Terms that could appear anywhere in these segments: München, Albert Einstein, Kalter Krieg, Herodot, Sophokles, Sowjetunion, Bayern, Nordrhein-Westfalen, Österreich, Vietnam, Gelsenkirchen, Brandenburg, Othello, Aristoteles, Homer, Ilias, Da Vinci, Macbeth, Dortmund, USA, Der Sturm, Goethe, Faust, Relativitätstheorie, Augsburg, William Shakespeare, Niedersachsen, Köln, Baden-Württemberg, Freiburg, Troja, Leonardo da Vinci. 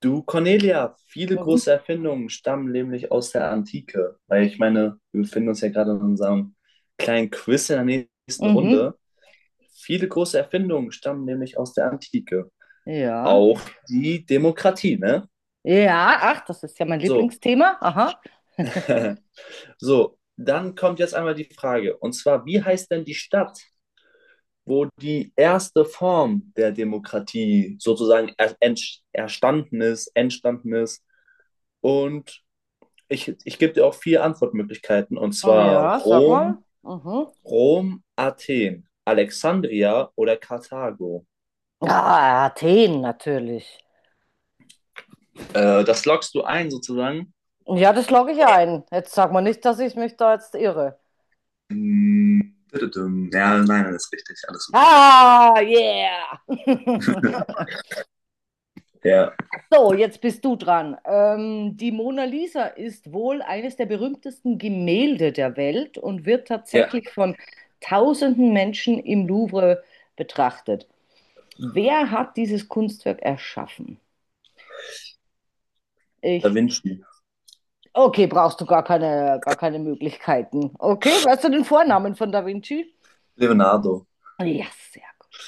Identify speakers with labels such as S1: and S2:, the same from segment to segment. S1: Du, Cornelia, viele
S2: Mhm.
S1: große Erfindungen stammen nämlich aus der Antike. Weil ich meine, wir befinden uns ja gerade in unserem kleinen Quiz in der nächsten
S2: Mhm.
S1: Runde. Viele große Erfindungen stammen nämlich aus der Antike.
S2: Ja.
S1: Auch die Demokratie, ne?
S2: Ja, ach, das ist ja mein
S1: So.
S2: Lieblingsthema. Aha.
S1: So, dann kommt jetzt einmal die Frage. Und zwar, wie heißt denn die Stadt, wo die erste Form der Demokratie sozusagen ist, entstanden ist? Und ich gebe dir auch vier Antwortmöglichkeiten, und
S2: Oh
S1: zwar
S2: ja, sag mal. Mhm.
S1: Rom, Athen, Alexandria oder Karthago.
S2: Ja, Athen natürlich.
S1: Das lockst du ein sozusagen.
S2: Ja, das logge ich ja ein. Jetzt sag mal nicht, dass ich mich da jetzt irre.
S1: Mm, tüdüdüm. Ja, nein, das ist richtig, alles super.
S2: Ah, yeah!
S1: Ja,
S2: So, jetzt bist du dran. Die Mona Lisa ist wohl eines der berühmtesten Gemälde der Welt und wird
S1: ja,
S2: tatsächlich von tausenden Menschen im Louvre betrachtet. Wer hat dieses Kunstwerk erschaffen?
S1: Da
S2: Ich.
S1: Vinci,
S2: Okay, brauchst du gar keine Möglichkeiten. Okay, weißt du den Vornamen von Da Vinci?
S1: Leonardo.
S2: Ja, sehr gut,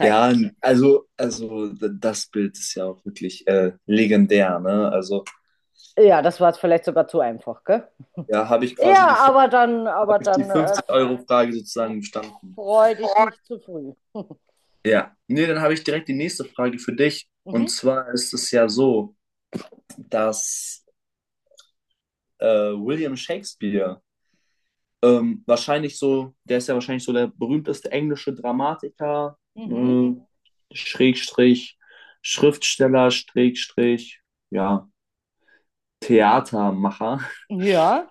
S1: Ja, das Bild ist ja auch wirklich legendär, ne? Also,
S2: Ja, das war jetzt vielleicht sogar zu einfach, gell?
S1: ja, habe ich quasi
S2: Ja,
S1: hab
S2: aber
S1: ich die
S2: dann
S1: 50-Euro-Frage sozusagen bestanden.
S2: freu dich nicht zu früh.
S1: Ja, nee, dann habe ich direkt die nächste Frage für dich. Und
S2: Mhm,
S1: zwar ist es ja so, dass äh, William Shakespeare wahrscheinlich so, der ist ja wahrscheinlich so der berühmteste englische Dramatiker,
S2: mhm.
S1: äh, Schrägstrich, Schriftsteller, Schrägstrich, ja, Theatermacher.
S2: Ja.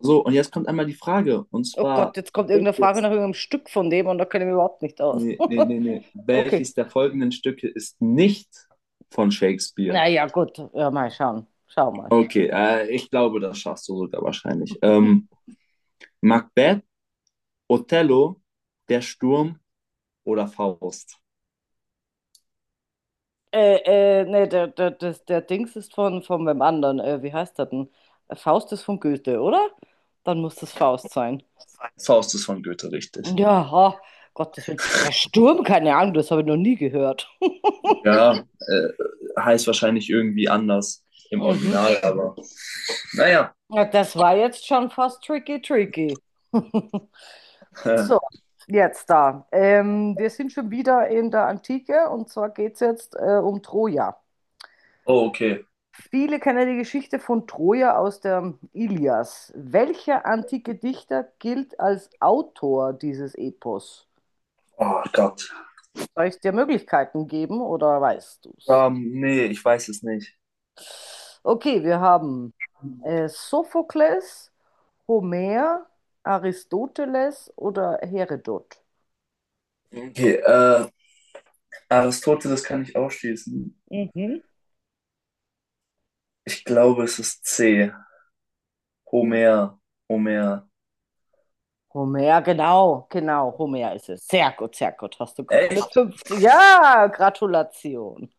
S1: So, und jetzt kommt einmal die Frage, und
S2: Oh Gott,
S1: zwar,
S2: jetzt kommt irgendeine Frage
S1: welches,
S2: nach irgendeinem Stück von dem und da kenne ich mich überhaupt nicht aus.
S1: nee, nee, nee, nee,
S2: Okay.
S1: welches der folgenden Stücke ist nicht von Shakespeare?
S2: Naja, gut. Ja, mal schauen. Schau mal.
S1: Okay, ich glaube, das schaffst du sogar wahrscheinlich. Macbeth, Othello, Der Sturm oder Faust?
S2: Nee, der Dings ist von meinem anderen. Wie heißt der denn? Faust ist von Goethe, oder? Dann muss das Faust sein.
S1: Faust ist von Goethe, richtig.
S2: Ja, oh, Gottes Willen. Der Sturm, keine Ahnung, das habe ich noch nie gehört.
S1: Ja, heißt wahrscheinlich irgendwie anders im
S2: Mhm.
S1: Original, aber naja.
S2: Ja, das war jetzt schon fast tricky, tricky.
S1: Äh,
S2: So, jetzt da. Wir sind schon wieder in der Antike und zwar geht es jetzt um Troja.
S1: oh, okay.
S2: Viele kennen die Geschichte von Troja aus der Ilias. Welcher antike Dichter gilt als Autor dieses Epos?
S1: Oh Gott.
S2: Soll ich dir Möglichkeiten geben oder weißt du es?
S1: Nee, ich weiß es nicht.
S2: Okay, wir haben Sophokles, Homer, Aristoteles oder Herodot.
S1: Okay, Aristoteles kann ich ausschließen.
S2: Mhm.
S1: Ich glaube, es ist C. Homer. Homer.
S2: Homer, genau, genau, Homer ist es. Sehr gut, sehr gut. Hast du gar keine
S1: Echt?
S2: 50? Ja, Gratulation.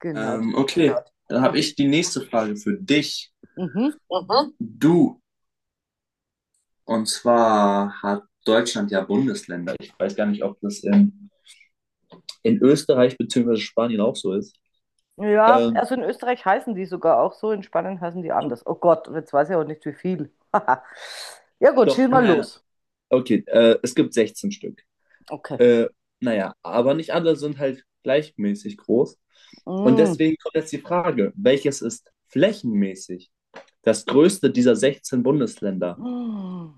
S2: Genau. Die-
S1: Okay, gut. Dann habe ich
S2: Mhm,
S1: die nächste Frage für dich.
S2: mhm.
S1: Mhm. Du, und zwar hat Deutschland ja Bundesländer. Ich weiß gar nicht, ob das in Österreich bzw. Spanien auch so ist.
S2: Ja,
S1: Ähm,
S2: also in Österreich heißen die sogar auch so, in Spanien heißen die anders. Oh Gott, und jetzt weiß ich auch nicht, wie viel. Ja gut,
S1: Doch,
S2: schieß mal
S1: naja,
S2: los.
S1: okay, es gibt 16 Stück.
S2: Okay.
S1: Äh, naja, aber nicht alle sind halt gleichmäßig groß. Und
S2: Mm.
S1: deswegen kommt jetzt die Frage, welches ist flächenmäßig das größte dieser 16 Bundesländer?
S2: Mm.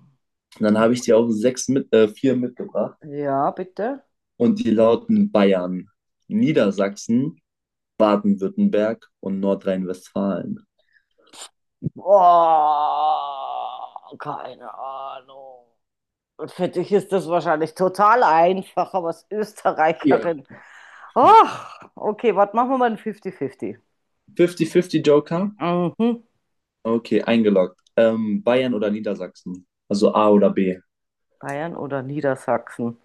S1: Und dann habe ich dir auch vier mitgebracht.
S2: Ja, bitte.
S1: Und die lauten Bayern, Niedersachsen, Baden-Württemberg und Nordrhein-Westfalen.
S2: Boah, keine Ahnung. Und für dich ist das wahrscheinlich total einfach, aber als
S1: Ja.
S2: Österreicherin. Ach, okay, was machen wir mal ein 50-50?
S1: 50-50 Joker?
S2: Mhm.
S1: Okay, eingeloggt. Bayern oder Niedersachsen? Also A oder B.
S2: Bayern oder Niedersachsen?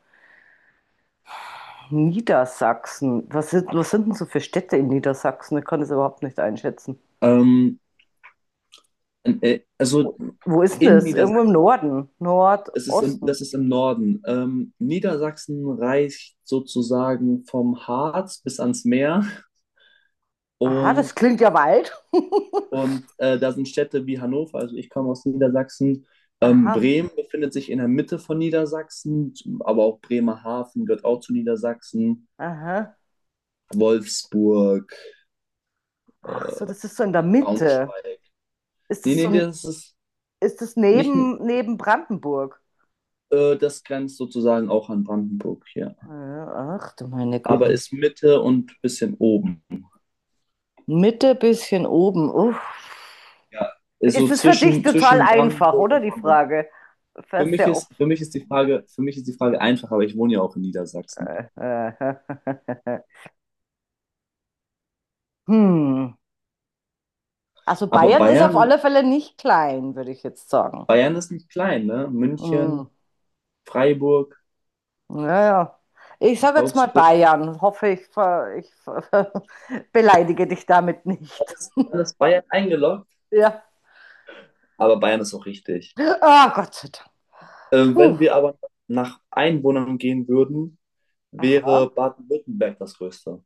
S2: Niedersachsen. Was sind denn so für Städte in Niedersachsen? Ich kann das überhaupt nicht einschätzen.
S1: Ähm, also
S2: Wo, wo ist denn
S1: in
S2: das? Irgendwo im
S1: Niedersachsen,
S2: Norden,
S1: das ist
S2: Nordosten.
S1: das ist im Norden. Niedersachsen reicht sozusagen vom Harz bis ans Meer
S2: Aha, das
S1: und
S2: klingt ja weit.
S1: Und da sind Städte wie Hannover, also ich komme aus Niedersachsen.
S2: Aha,
S1: Bremen befindet sich in der Mitte von Niedersachsen, aber auch Bremerhaven gehört auch zu Niedersachsen.
S2: aha.
S1: Wolfsburg,
S2: Ach so, das ist so in der Mitte.
S1: Braunschweig.
S2: Ist
S1: Nee,
S2: das
S1: nee,
S2: so, ein-
S1: das ist
S2: ist das
S1: nicht,
S2: neben Brandenburg?
S1: das grenzt sozusagen auch an Brandenburg hier.
S2: Ja, ach du meine
S1: Aber
S2: Güte.
S1: ist Mitte und bisschen oben.
S2: Mitte, bisschen oben. Uff.
S1: Ja, ist so
S2: Ist es für dich total
S1: zwischen
S2: einfach,
S1: Brandenburg
S2: oder
S1: und
S2: die
S1: Hamburg.
S2: Frage? Das ist ja auch.
S1: Für mich ist die Frage einfach, aber ich wohne ja auch in Niedersachsen.
S2: Hm. Also
S1: Aber
S2: Bayern ist auf alle Fälle nicht klein, würde ich jetzt sagen.
S1: Bayern ist nicht klein, ne?
S2: Hm.
S1: München, Freiburg,
S2: Naja. Ich sage jetzt mal
S1: Augsburg,
S2: Bayern. Hoffe, beleidige dich damit nicht.
S1: alles Bayern eingeloggt.
S2: Ja.
S1: Aber Bayern ist auch richtig.
S2: Ah, Gott sei Dank. Puh.
S1: Wenn wir aber nach Einwohnern gehen würden,
S2: Aha.
S1: wäre Baden-Württemberg das größte.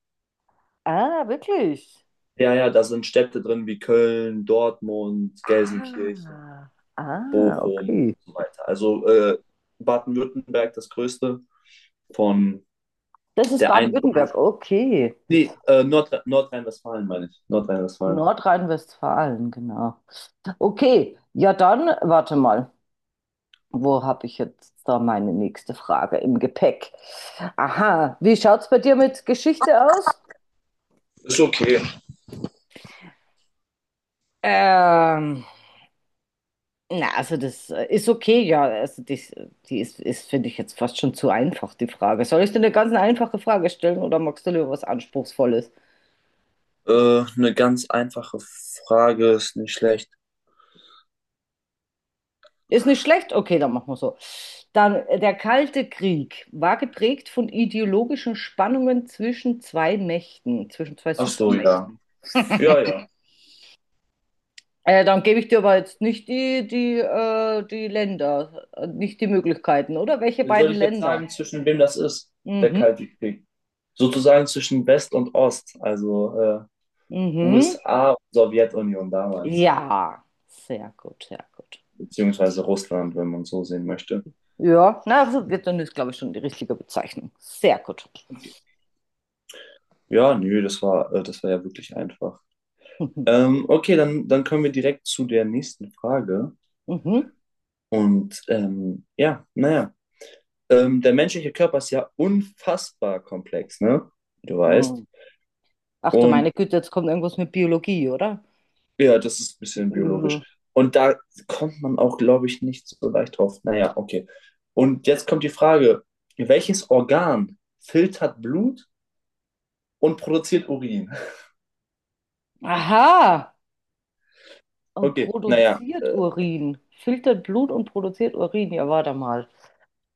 S2: Ah, wirklich.
S1: Ja, ja, da sind Städte drin wie Köln, Dortmund, Gelsenkirchen,
S2: Ah. Ah,
S1: Bochum
S2: okay.
S1: und so weiter. Also Baden-Württemberg das größte von
S2: Das ist
S1: der Einwohner.
S2: Baden-Württemberg. Okay.
S1: Nordrhein-Westfalen meine ich. Nordrhein-Westfalen.
S2: Nordrhein-Westfalen, genau. Okay. Ja, dann warte mal. Wo habe ich jetzt da meine nächste Frage im Gepäck? Aha, wie schaut's bei dir mit Geschichte aus?
S1: Ist okay.
S2: Ähm, na, also das ist okay, ja. Die ist, ist finde ich jetzt fast schon zu einfach, die Frage. Soll ich dir eine ganz einfache Frage stellen oder magst du lieber was Anspruchsvolles?
S1: Eine ganz einfache Frage ist nicht schlecht.
S2: Ist nicht schlecht? Okay, dann machen wir so. Dann, der Kalte Krieg war geprägt von ideologischen Spannungen zwischen zwei Mächten, zwischen zwei
S1: Ach so, ja.
S2: Supermächten.
S1: Ja, ja.
S2: Dann gebe ich dir aber jetzt nicht die Länder, nicht die Möglichkeiten, oder? Welche
S1: Dann soll
S2: beiden
S1: ich jetzt
S2: Länder?
S1: sagen, zwischen wem das ist, der
S2: Mhm,
S1: Kalte Krieg? Sozusagen zwischen West und Ost, also
S2: mhm.
S1: USA und Sowjetunion damals,
S2: Ja, sehr gut, sehr gut.
S1: beziehungsweise Russland, wenn man so sehen möchte.
S2: Ja, na, also Vietnam ist, glaube ich, schon die richtige Bezeichnung. Sehr gut.
S1: Okay. Ja, nö, das war ja wirklich einfach.
S2: Mhm,
S1: Okay, dann kommen wir direkt zu der nächsten Frage.
S2: mhm.
S1: Und ja, naja. Der menschliche Körper ist ja unfassbar komplex, ne? Wie du weißt.
S2: mhm. Ach du
S1: Und
S2: meine Güte, jetzt kommt irgendwas mit Biologie, oder?
S1: ja, das ist ein bisschen biologisch.
S2: Mhm.
S1: Und da kommt man auch, glaube ich, nicht so leicht drauf. Naja, okay. Und jetzt kommt die Frage, welches Organ filtert Blut und produziert Urin?
S2: Aha, und
S1: Okay, naja,
S2: produziert Urin, filtert Blut und produziert Urin. Ja, warte mal.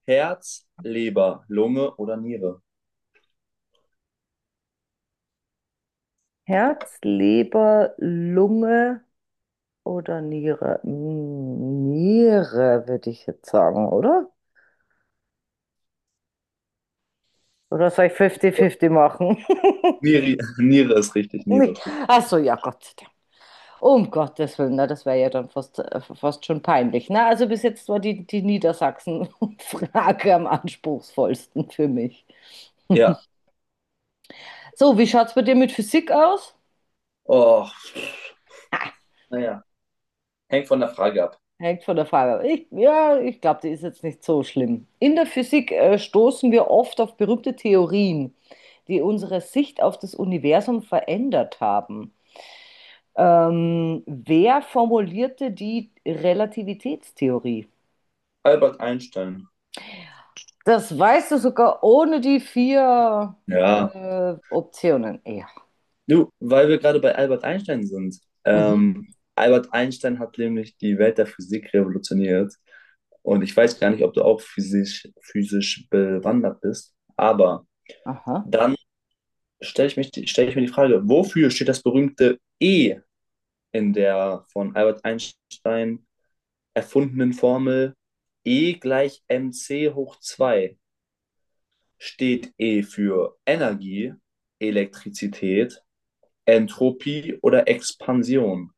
S1: Herz, Leber, Lunge oder Niere?
S2: Herz, Leber, Lunge. Oder Niere. Hm, Niere, würde ich jetzt sagen, oder? Oder soll ich 50-50 machen?
S1: Niere, Niere ist richtig, Niere
S2: Nicht-
S1: ist richtig.
S2: Ach so, ja, Gott sei Dank. Um Gottes Willen, na, das wäre ja dann fast, fast schon peinlich. Na, also bis jetzt war die Niedersachsen-Frage am anspruchsvollsten für mich.
S1: Ja,
S2: So, wie schaut es bei dir mit Physik aus?
S1: oh, naja, hängt von der Frage ab.
S2: Hängt von der Frage ab. Ja, ich glaube, die ist jetzt nicht so schlimm. In der Physik stoßen wir oft auf berühmte Theorien, die unsere Sicht auf das Universum verändert haben. Wer formulierte die Relativitätstheorie?
S1: Albert Einstein.
S2: Das weißt du sogar ohne die vier
S1: Ja,
S2: Optionen. Ja.
S1: du, weil wir gerade bei Albert Einstein sind.
S2: Mhm.
S1: Ähm, Albert Einstein hat nämlich die Welt der Physik revolutioniert. Und ich weiß gar nicht, ob du auch physisch bewandert bist. Aber
S2: Aha.
S1: dann stell ich mir die Frage, wofür steht das berühmte E in der von Albert Einstein erfundenen Formel E gleich mc hoch 2? Steht E für Energie, Elektrizität, Entropie oder Expansion?